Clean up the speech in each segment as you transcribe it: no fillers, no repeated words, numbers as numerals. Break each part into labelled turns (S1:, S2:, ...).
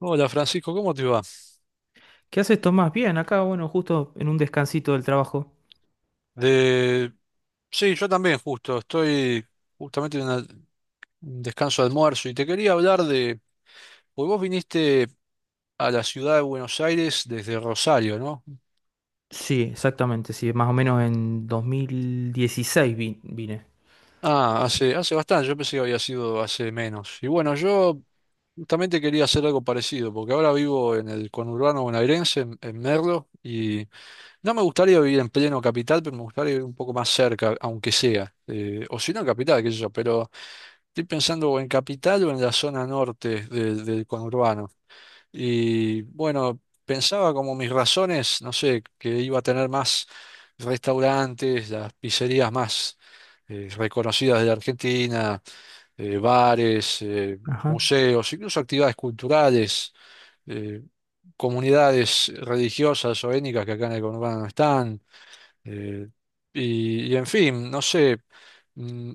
S1: Hola Francisco, ¿cómo te va?
S2: ¿Qué haces, Tomás? Bien, acá, bueno, justo en un descansito del trabajo.
S1: De... Sí, yo también justo, estoy justamente en un descanso de almuerzo y te quería hablar de, pues vos viniste a la ciudad de Buenos Aires desde Rosario, ¿no?
S2: Sí, exactamente, sí, más o menos en 2016 vine.
S1: Ah, hace bastante, yo pensé que había sido hace menos. Y bueno, yo justamente quería hacer algo parecido, porque ahora vivo en el conurbano bonaerense, en Merlo, y no me gustaría vivir en pleno capital, pero me gustaría vivir un poco más cerca, aunque sea. O si no en capital, qué sé yo, pero estoy pensando o en capital o en la zona norte del conurbano. Y bueno, pensaba como mis razones, no sé, que iba a tener más restaurantes, las pizzerías más reconocidas de la Argentina, bares,
S2: Ajá.
S1: museos, incluso actividades culturales, eh, comunidades religiosas o étnicas que acá en el conurbano no están. eh, y en fin, no sé. mm,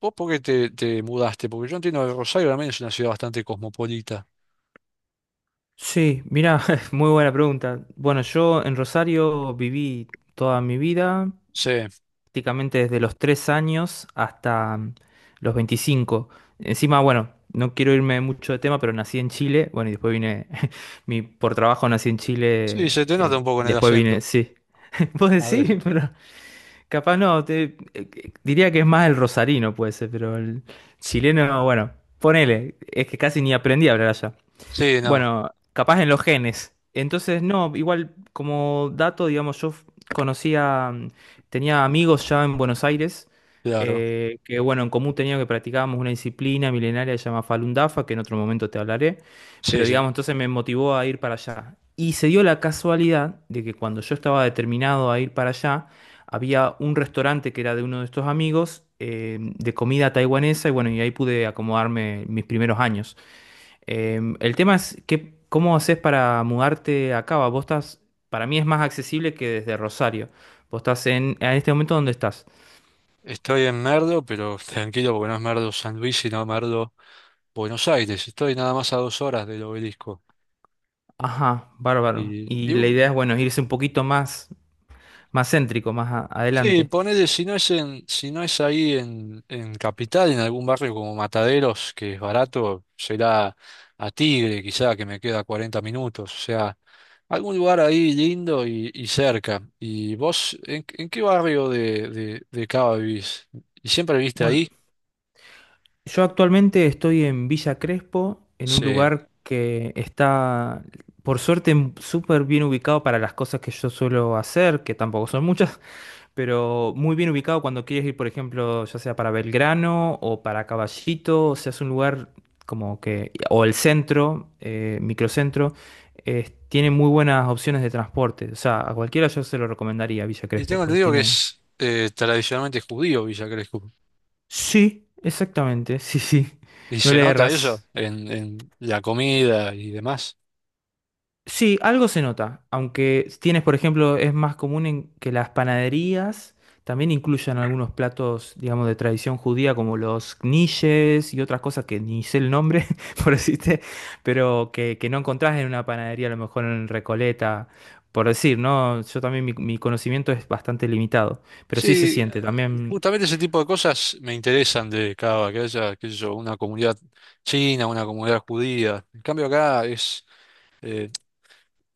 S1: ¿Vos por qué te mudaste? Porque yo entiendo que Rosario también es una ciudad bastante cosmopolita.
S2: Sí, mira, muy buena pregunta. Bueno, yo en Rosario viví toda mi vida,
S1: Sí,
S2: prácticamente desde los 3 años hasta los 25. Encima, bueno, no quiero irme mucho de tema, pero nací en Chile, bueno, y después vine, por trabajo nací en
S1: sí,
S2: Chile,
S1: se te nota un poco
S2: y
S1: en el
S2: después vine,
S1: acento.
S2: sí. ¿Vos
S1: A
S2: decís?
S1: ver.
S2: Pero. Capaz no, diría que es más el rosarino, puede ser, pero el chileno, bueno, ponele, es que casi ni aprendí a hablar allá.
S1: Sí, no,
S2: Bueno, capaz en los genes. Entonces, no, igual como dato, digamos, yo conocía, tenía amigos ya en Buenos Aires,
S1: claro.
S2: que bueno, en común teníamos que practicábamos una disciplina milenaria que se llama Falun Dafa, que en otro momento te hablaré,
S1: Sí,
S2: pero
S1: sí.
S2: digamos, entonces me motivó a ir para allá. Y se dio la casualidad de que cuando yo estaba determinado a ir para allá, había un restaurante que era de uno de estos amigos, de comida taiwanesa, y bueno, y ahí pude acomodarme mis primeros años. El tema es que, ¿cómo haces para mudarte a Cava? Vos estás, para mí es más accesible que desde Rosario. Vos estás en este momento, ¿dónde estás?
S1: Estoy en Merdo, pero tranquilo porque no es Merdo San Luis, sino Merdo Buenos Aires, estoy nada más a 2 horas del obelisco.
S2: Ajá, bárbaro.
S1: Y, y,
S2: Y la
S1: uh,
S2: idea es, bueno, irse un poquito más, más céntrico, más
S1: sí,
S2: adelante.
S1: ponele, si no es ahí en Capital, en algún barrio como Mataderos, que es barato, será a Tigre, quizá, que me queda 40 minutos. O sea, algún lugar ahí lindo y cerca. ¿Y vos, en qué barrio de Cava vivís? ¿Y siempre viviste
S2: Bueno,
S1: ahí?
S2: yo actualmente estoy en Villa Crespo, en un
S1: Sí.
S2: lugar que está, por suerte, súper bien ubicado para las cosas que yo suelo hacer, que tampoco son muchas. Pero muy bien ubicado cuando quieres ir, por ejemplo, ya sea para Belgrano o para Caballito, o sea, es un lugar como que, o el centro, microcentro, tiene muy buenas opciones de transporte. O sea, a cualquiera yo se lo recomendaría Villa
S1: Y
S2: Crespo,
S1: tengo
S2: pues
S1: entendido que
S2: tiene.
S1: es tradicionalmente judío Villa Crespo.
S2: Sí, exactamente, sí, sí,
S1: Y
S2: no
S1: se
S2: le
S1: nota
S2: erras.
S1: eso en la comida y demás.
S2: Sí, algo se nota, aunque tienes, por ejemplo, es más común en que las panaderías también incluyan algunos platos, digamos, de tradición judía, como los knishes y otras cosas que ni sé el nombre, por decirte, pero que no encontrás en una panadería, a lo mejor en Recoleta, por decir, ¿no? Yo también mi conocimiento es bastante limitado, pero sí se
S1: Sí,
S2: siente, también
S1: justamente ese tipo de cosas me interesan de Cava, que haya, qué sé yo, una comunidad china, una comunidad judía. En cambio acá es, eh,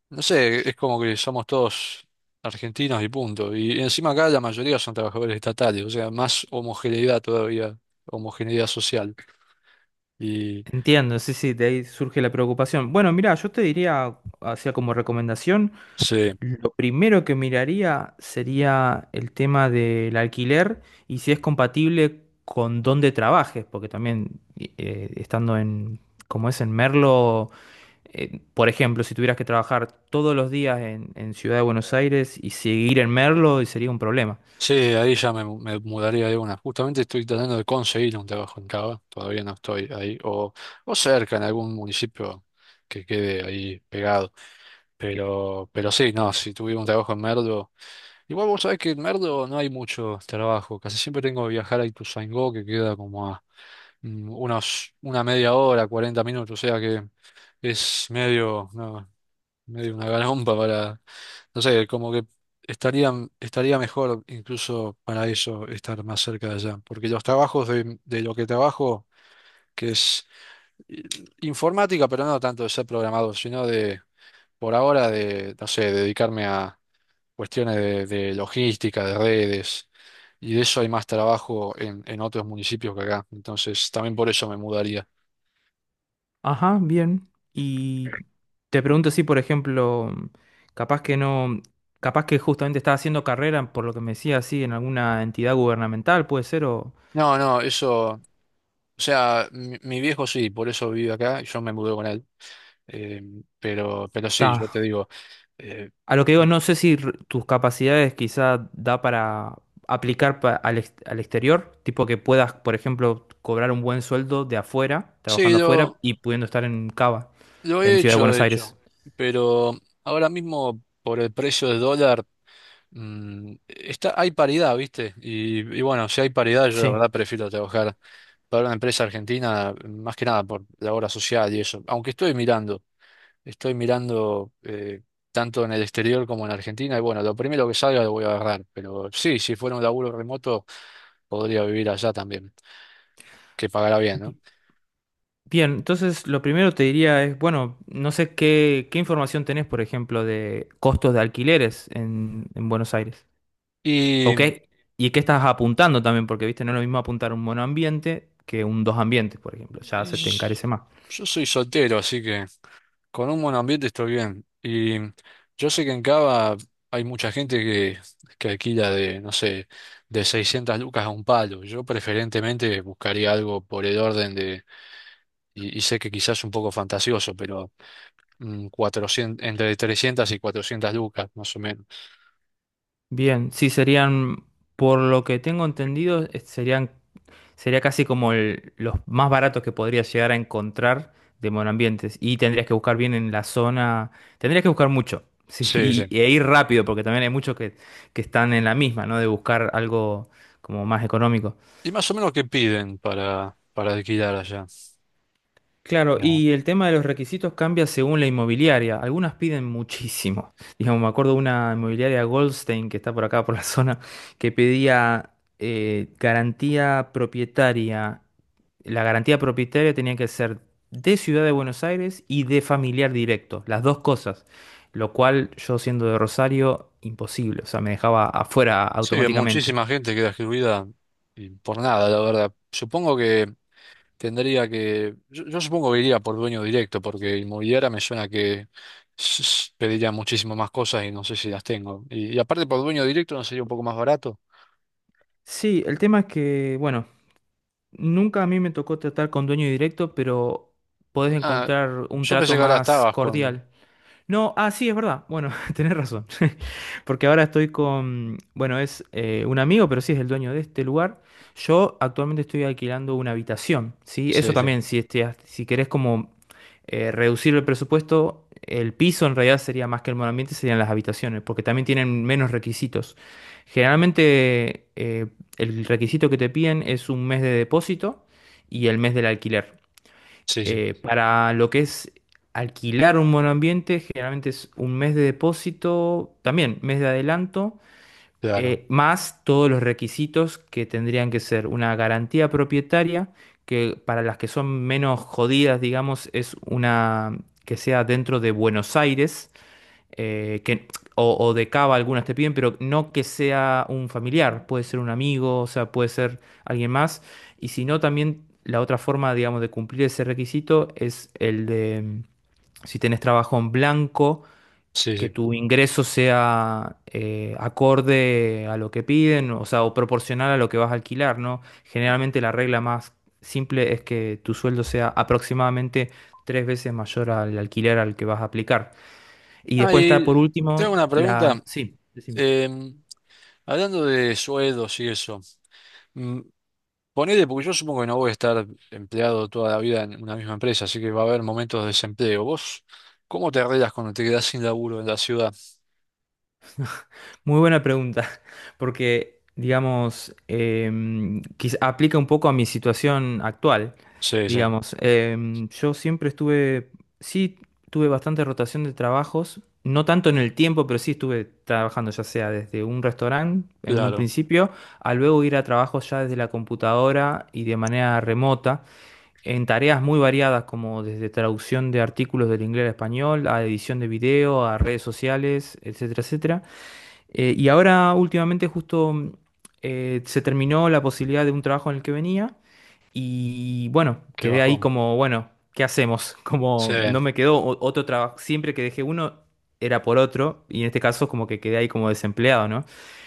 S1: no sé, es como que somos todos argentinos y punto. Y encima acá la mayoría son trabajadores estatales, o sea, más homogeneidad todavía, homogeneidad social. Y
S2: entiendo, sí, sí, de ahí surge la preocupación. Bueno, mira, yo te diría, hacía como recomendación,
S1: sí.
S2: lo primero que miraría sería el tema del alquiler y si es compatible con dónde trabajes, porque también estando en, como es en Merlo, por ejemplo, si tuvieras que trabajar todos los días en Ciudad de Buenos Aires y seguir en Merlo, sería un problema.
S1: Sí, ahí ya me mudaría de una. Justamente estoy tratando de conseguir un trabajo en Cava, todavía no estoy ahí, o cerca en algún municipio que quede ahí pegado. Pero sí, no, si tuviera un trabajo en Merdo, igual vos sabés que en Merdo no hay mucho trabajo, casi siempre tengo que viajar a Ituzaingó, que queda como a una 1/2 hora, 40 minutos, o sea que es medio, no, medio una garompa para, no sé, como que estaría, estaría mejor incluso para eso estar más cerca de allá, porque los trabajos de lo que trabajo, que es eh, informática, pero no tanto de ser programador, sino de, por ahora, de, no sé, dedicarme a cuestiones de logística, de redes, y de eso hay más trabajo en otros municipios que acá, entonces también por eso me mudaría.
S2: Ajá, bien. Y te pregunto si, por ejemplo, capaz que no, capaz que justamente estás haciendo carrera, por lo que me decía así, en alguna entidad gubernamental, puede ser, o...
S1: No, no, eso, o sea, mi viejo sí, por eso vive acá y yo me mudé con él. Eh, pero sí,
S2: Ta.
S1: yo te digo, eh,
S2: A lo que digo, no sé si tus capacidades quizá da para aplicar al exterior, tipo que puedas, por ejemplo, cobrar un buen sueldo de afuera,
S1: sí,
S2: trabajando afuera
S1: lo,
S2: y pudiendo estar en Cava,
S1: lo he
S2: en Ciudad de
S1: hecho, de
S2: Buenos Aires.
S1: hecho, pero ahora mismo por el precio del dólar, está, hay paridad, ¿viste? Y bueno, si hay paridad, yo la
S2: Sí.
S1: verdad prefiero trabajar para una empresa argentina, más que nada por la obra social y eso, aunque estoy mirando, estoy mirando eh, tanto en el exterior como en Argentina, y bueno, lo primero que salga lo voy a agarrar, pero sí, si fuera un laburo remoto, podría vivir allá también, que pagará bien, ¿no?
S2: Bi- Bien, entonces lo primero te diría es, bueno, no sé qué información tenés, por ejemplo, de costos de alquileres en Buenos Aires. ¿O
S1: Y,
S2: qué? ¿Y qué estás apuntando también? Porque, viste, no es lo mismo apuntar un monoambiente que un dos ambientes, por ejemplo, ya se te
S1: y
S2: encarece más.
S1: yo soy soltero, así que con un buen ambiente estoy bien. Y yo sé que en Cava hay mucha gente que alquila de, no sé, de 600 lucas a un palo. Yo preferentemente buscaría algo por el orden de, y sé que quizás un poco fantasioso, pero 400, entre 300 y 400 lucas, más o menos.
S2: Bien, sí, serían, por lo que tengo entendido, serían, sería casi como los más baratos que podrías llegar a encontrar de monoambientes. Y tendrías que buscar bien en la zona, tendrías que buscar mucho, sí,
S1: Sí,
S2: y,
S1: sí.
S2: e ir rápido, porque también hay muchos que están en la misma, ¿no? De buscar algo como más económico.
S1: ¿Y más o menos qué piden para alquilar allá?
S2: Claro, y el tema de los requisitos cambia según la inmobiliaria. Algunas piden muchísimo. Digamos, me acuerdo de una inmobiliaria Goldstein que está por acá, por la zona, que pedía garantía propietaria. La garantía propietaria tenía que ser de Ciudad de Buenos Aires y de familiar directo, las dos cosas. Lo cual yo siendo de Rosario, imposible. O sea, me dejaba afuera
S1: Sí,
S2: automáticamente.
S1: muchísima gente queda excluida y por nada, la verdad. Supongo que yo supongo que iría por dueño directo, porque inmobiliaria me suena que pediría muchísimo más cosas y no sé si las tengo. Y aparte por dueño directo no sería un poco más barato.
S2: Sí, el tema es que, bueno, nunca a mí me tocó tratar con dueño directo, pero podés
S1: Ah,
S2: encontrar un
S1: yo pensé
S2: trato
S1: que ahora
S2: más
S1: estabas con...
S2: cordial. No, ah, sí, es verdad. Bueno, tenés razón. Porque ahora estoy con, bueno, es un amigo, pero sí es el dueño de este lugar. Yo actualmente estoy alquilando una habitación, ¿sí? Eso
S1: Sí, sí,
S2: también, si querés como reducir el presupuesto, el piso en realidad sería más que el monoambiente, serían las habitaciones, porque también tienen menos requisitos. Generalmente el requisito que te piden es un mes de depósito y el mes del alquiler.
S1: sí, sí,
S2: Para lo que es alquilar un monoambiente, generalmente es un mes de depósito, también mes de adelanto,
S1: claro,
S2: más todos los requisitos que tendrían que ser una garantía propietaria, que para las que son menos jodidas, digamos, es una que sea dentro de Buenos Aires eh, que, o de cava algunas te piden, pero no que sea un familiar, puede ser un amigo, o sea, puede ser alguien más. Y si no, también la otra forma, digamos, de cumplir ese requisito es el de, si tenés trabajo en blanco,
S1: sí,
S2: que
S1: sí.
S2: tu ingreso sea acorde a lo que piden, o sea, o proporcional a lo que vas a alquilar, ¿no? Generalmente la regla más simple es que tu sueldo sea aproximadamente tres veces mayor al alquiler al que vas a aplicar. Y
S1: Ah,
S2: después está por
S1: y tengo
S2: último
S1: una pregunta.
S2: la... Sí, decime.
S1: em, Hablando de sueldos y eso. mm, Ponele, porque yo supongo que no voy a estar empleado toda la vida en una misma empresa, así que va a haber momentos de desempleo. ¿Vos cómo te arreglas cuando te quedás sin laburo en la ciudad?
S2: Muy buena pregunta, porque digamos, aplica un poco a mi situación actual.
S1: Sí, sí,
S2: Digamos, yo siempre estuve, sí, tuve bastante rotación de trabajos, no tanto en el tiempo, pero sí estuve trabajando ya sea desde un restaurante en un
S1: claro,
S2: principio, a luego ir a trabajos ya desde la computadora y de manera remota. En tareas muy variadas como desde traducción de artículos del inglés al español, a edición de video, a redes sociales, etcétera, etcétera. Y ahora últimamente justo se terminó la posibilidad de un trabajo en el que venía y bueno,
S1: qué
S2: quedé ahí
S1: bajón.
S2: como, bueno, ¿qué hacemos?
S1: Sí,
S2: Como no me quedó otro trabajo, siempre que dejé uno era por otro y en este caso como que quedé ahí como desempleado, ¿no?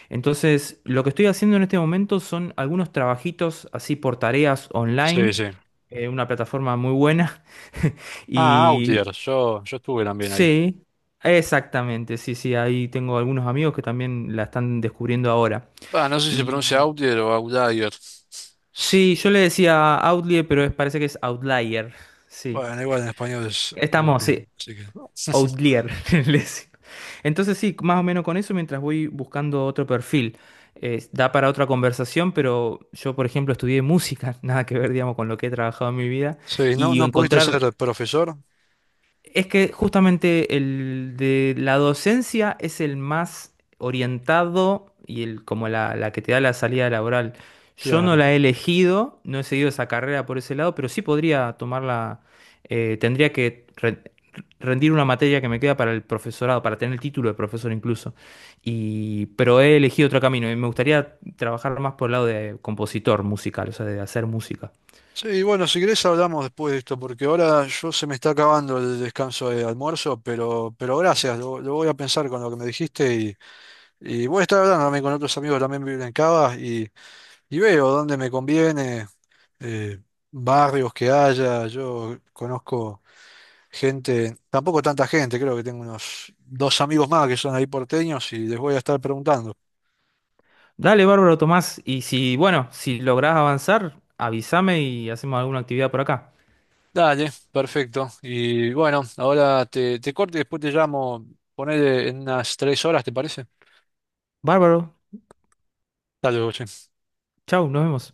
S2: Entonces, lo que estoy haciendo en este momento son algunos trabajitos así por tareas online
S1: sí, sí.
S2: una plataforma muy buena.
S1: Ah,
S2: Y
S1: Outlier, yo estuve también ahí.
S2: sí, exactamente, sí, sí, ahí tengo algunos amigos que también la están descubriendo ahora.
S1: Ah, no sé si se pronuncia
S2: Y
S1: Outlier o Outlier.
S2: sí, yo le decía Outlier, pero parece que es Outlier. Sí,
S1: Bueno, igual en español es
S2: estamos,
S1: Outlier,
S2: sí,
S1: así que.
S2: Outlier. le decía. Entonces sí, más o menos con eso mientras voy buscando otro perfil. Da para otra conversación, pero yo, por ejemplo, estudié música, nada que ver, digamos, con lo que he trabajado en mi vida,
S1: Sí, ¿no,
S2: y
S1: no pudiste
S2: encontrar.
S1: ser profesor?
S2: Es que justamente el de la docencia es el más orientado y el como la que te da la salida laboral. Yo no
S1: Claro.
S2: la he elegido, no he seguido esa carrera por ese lado, pero sí podría tomarla, tendría que rendir una materia que me queda para el profesorado, para tener el título de profesor incluso. Pero he elegido otro camino y me gustaría trabajar más por el lado de compositor musical, o sea, de hacer música.
S1: Sí, bueno, si querés hablamos después de esto, porque ahora yo se me está acabando el descanso de almuerzo, pero gracias, lo voy a pensar con lo que me dijiste y voy a estar hablando también con otros amigos que también viven en Cava y veo dónde me conviene, eh, barrios que haya, yo conozco gente, tampoco tanta gente, creo que tengo unos dos amigos más que son ahí porteños y les voy a estar preguntando.
S2: Dale, bárbaro, Tomás. Y si, bueno, si lográs avanzar, avísame y hacemos alguna actividad por acá.
S1: Dale, perfecto. Y bueno, ahora te corto y después te llamo, ponele en unas 3 horas, ¿te parece?
S2: Bárbaro,
S1: Saludos.
S2: chau, nos vemos.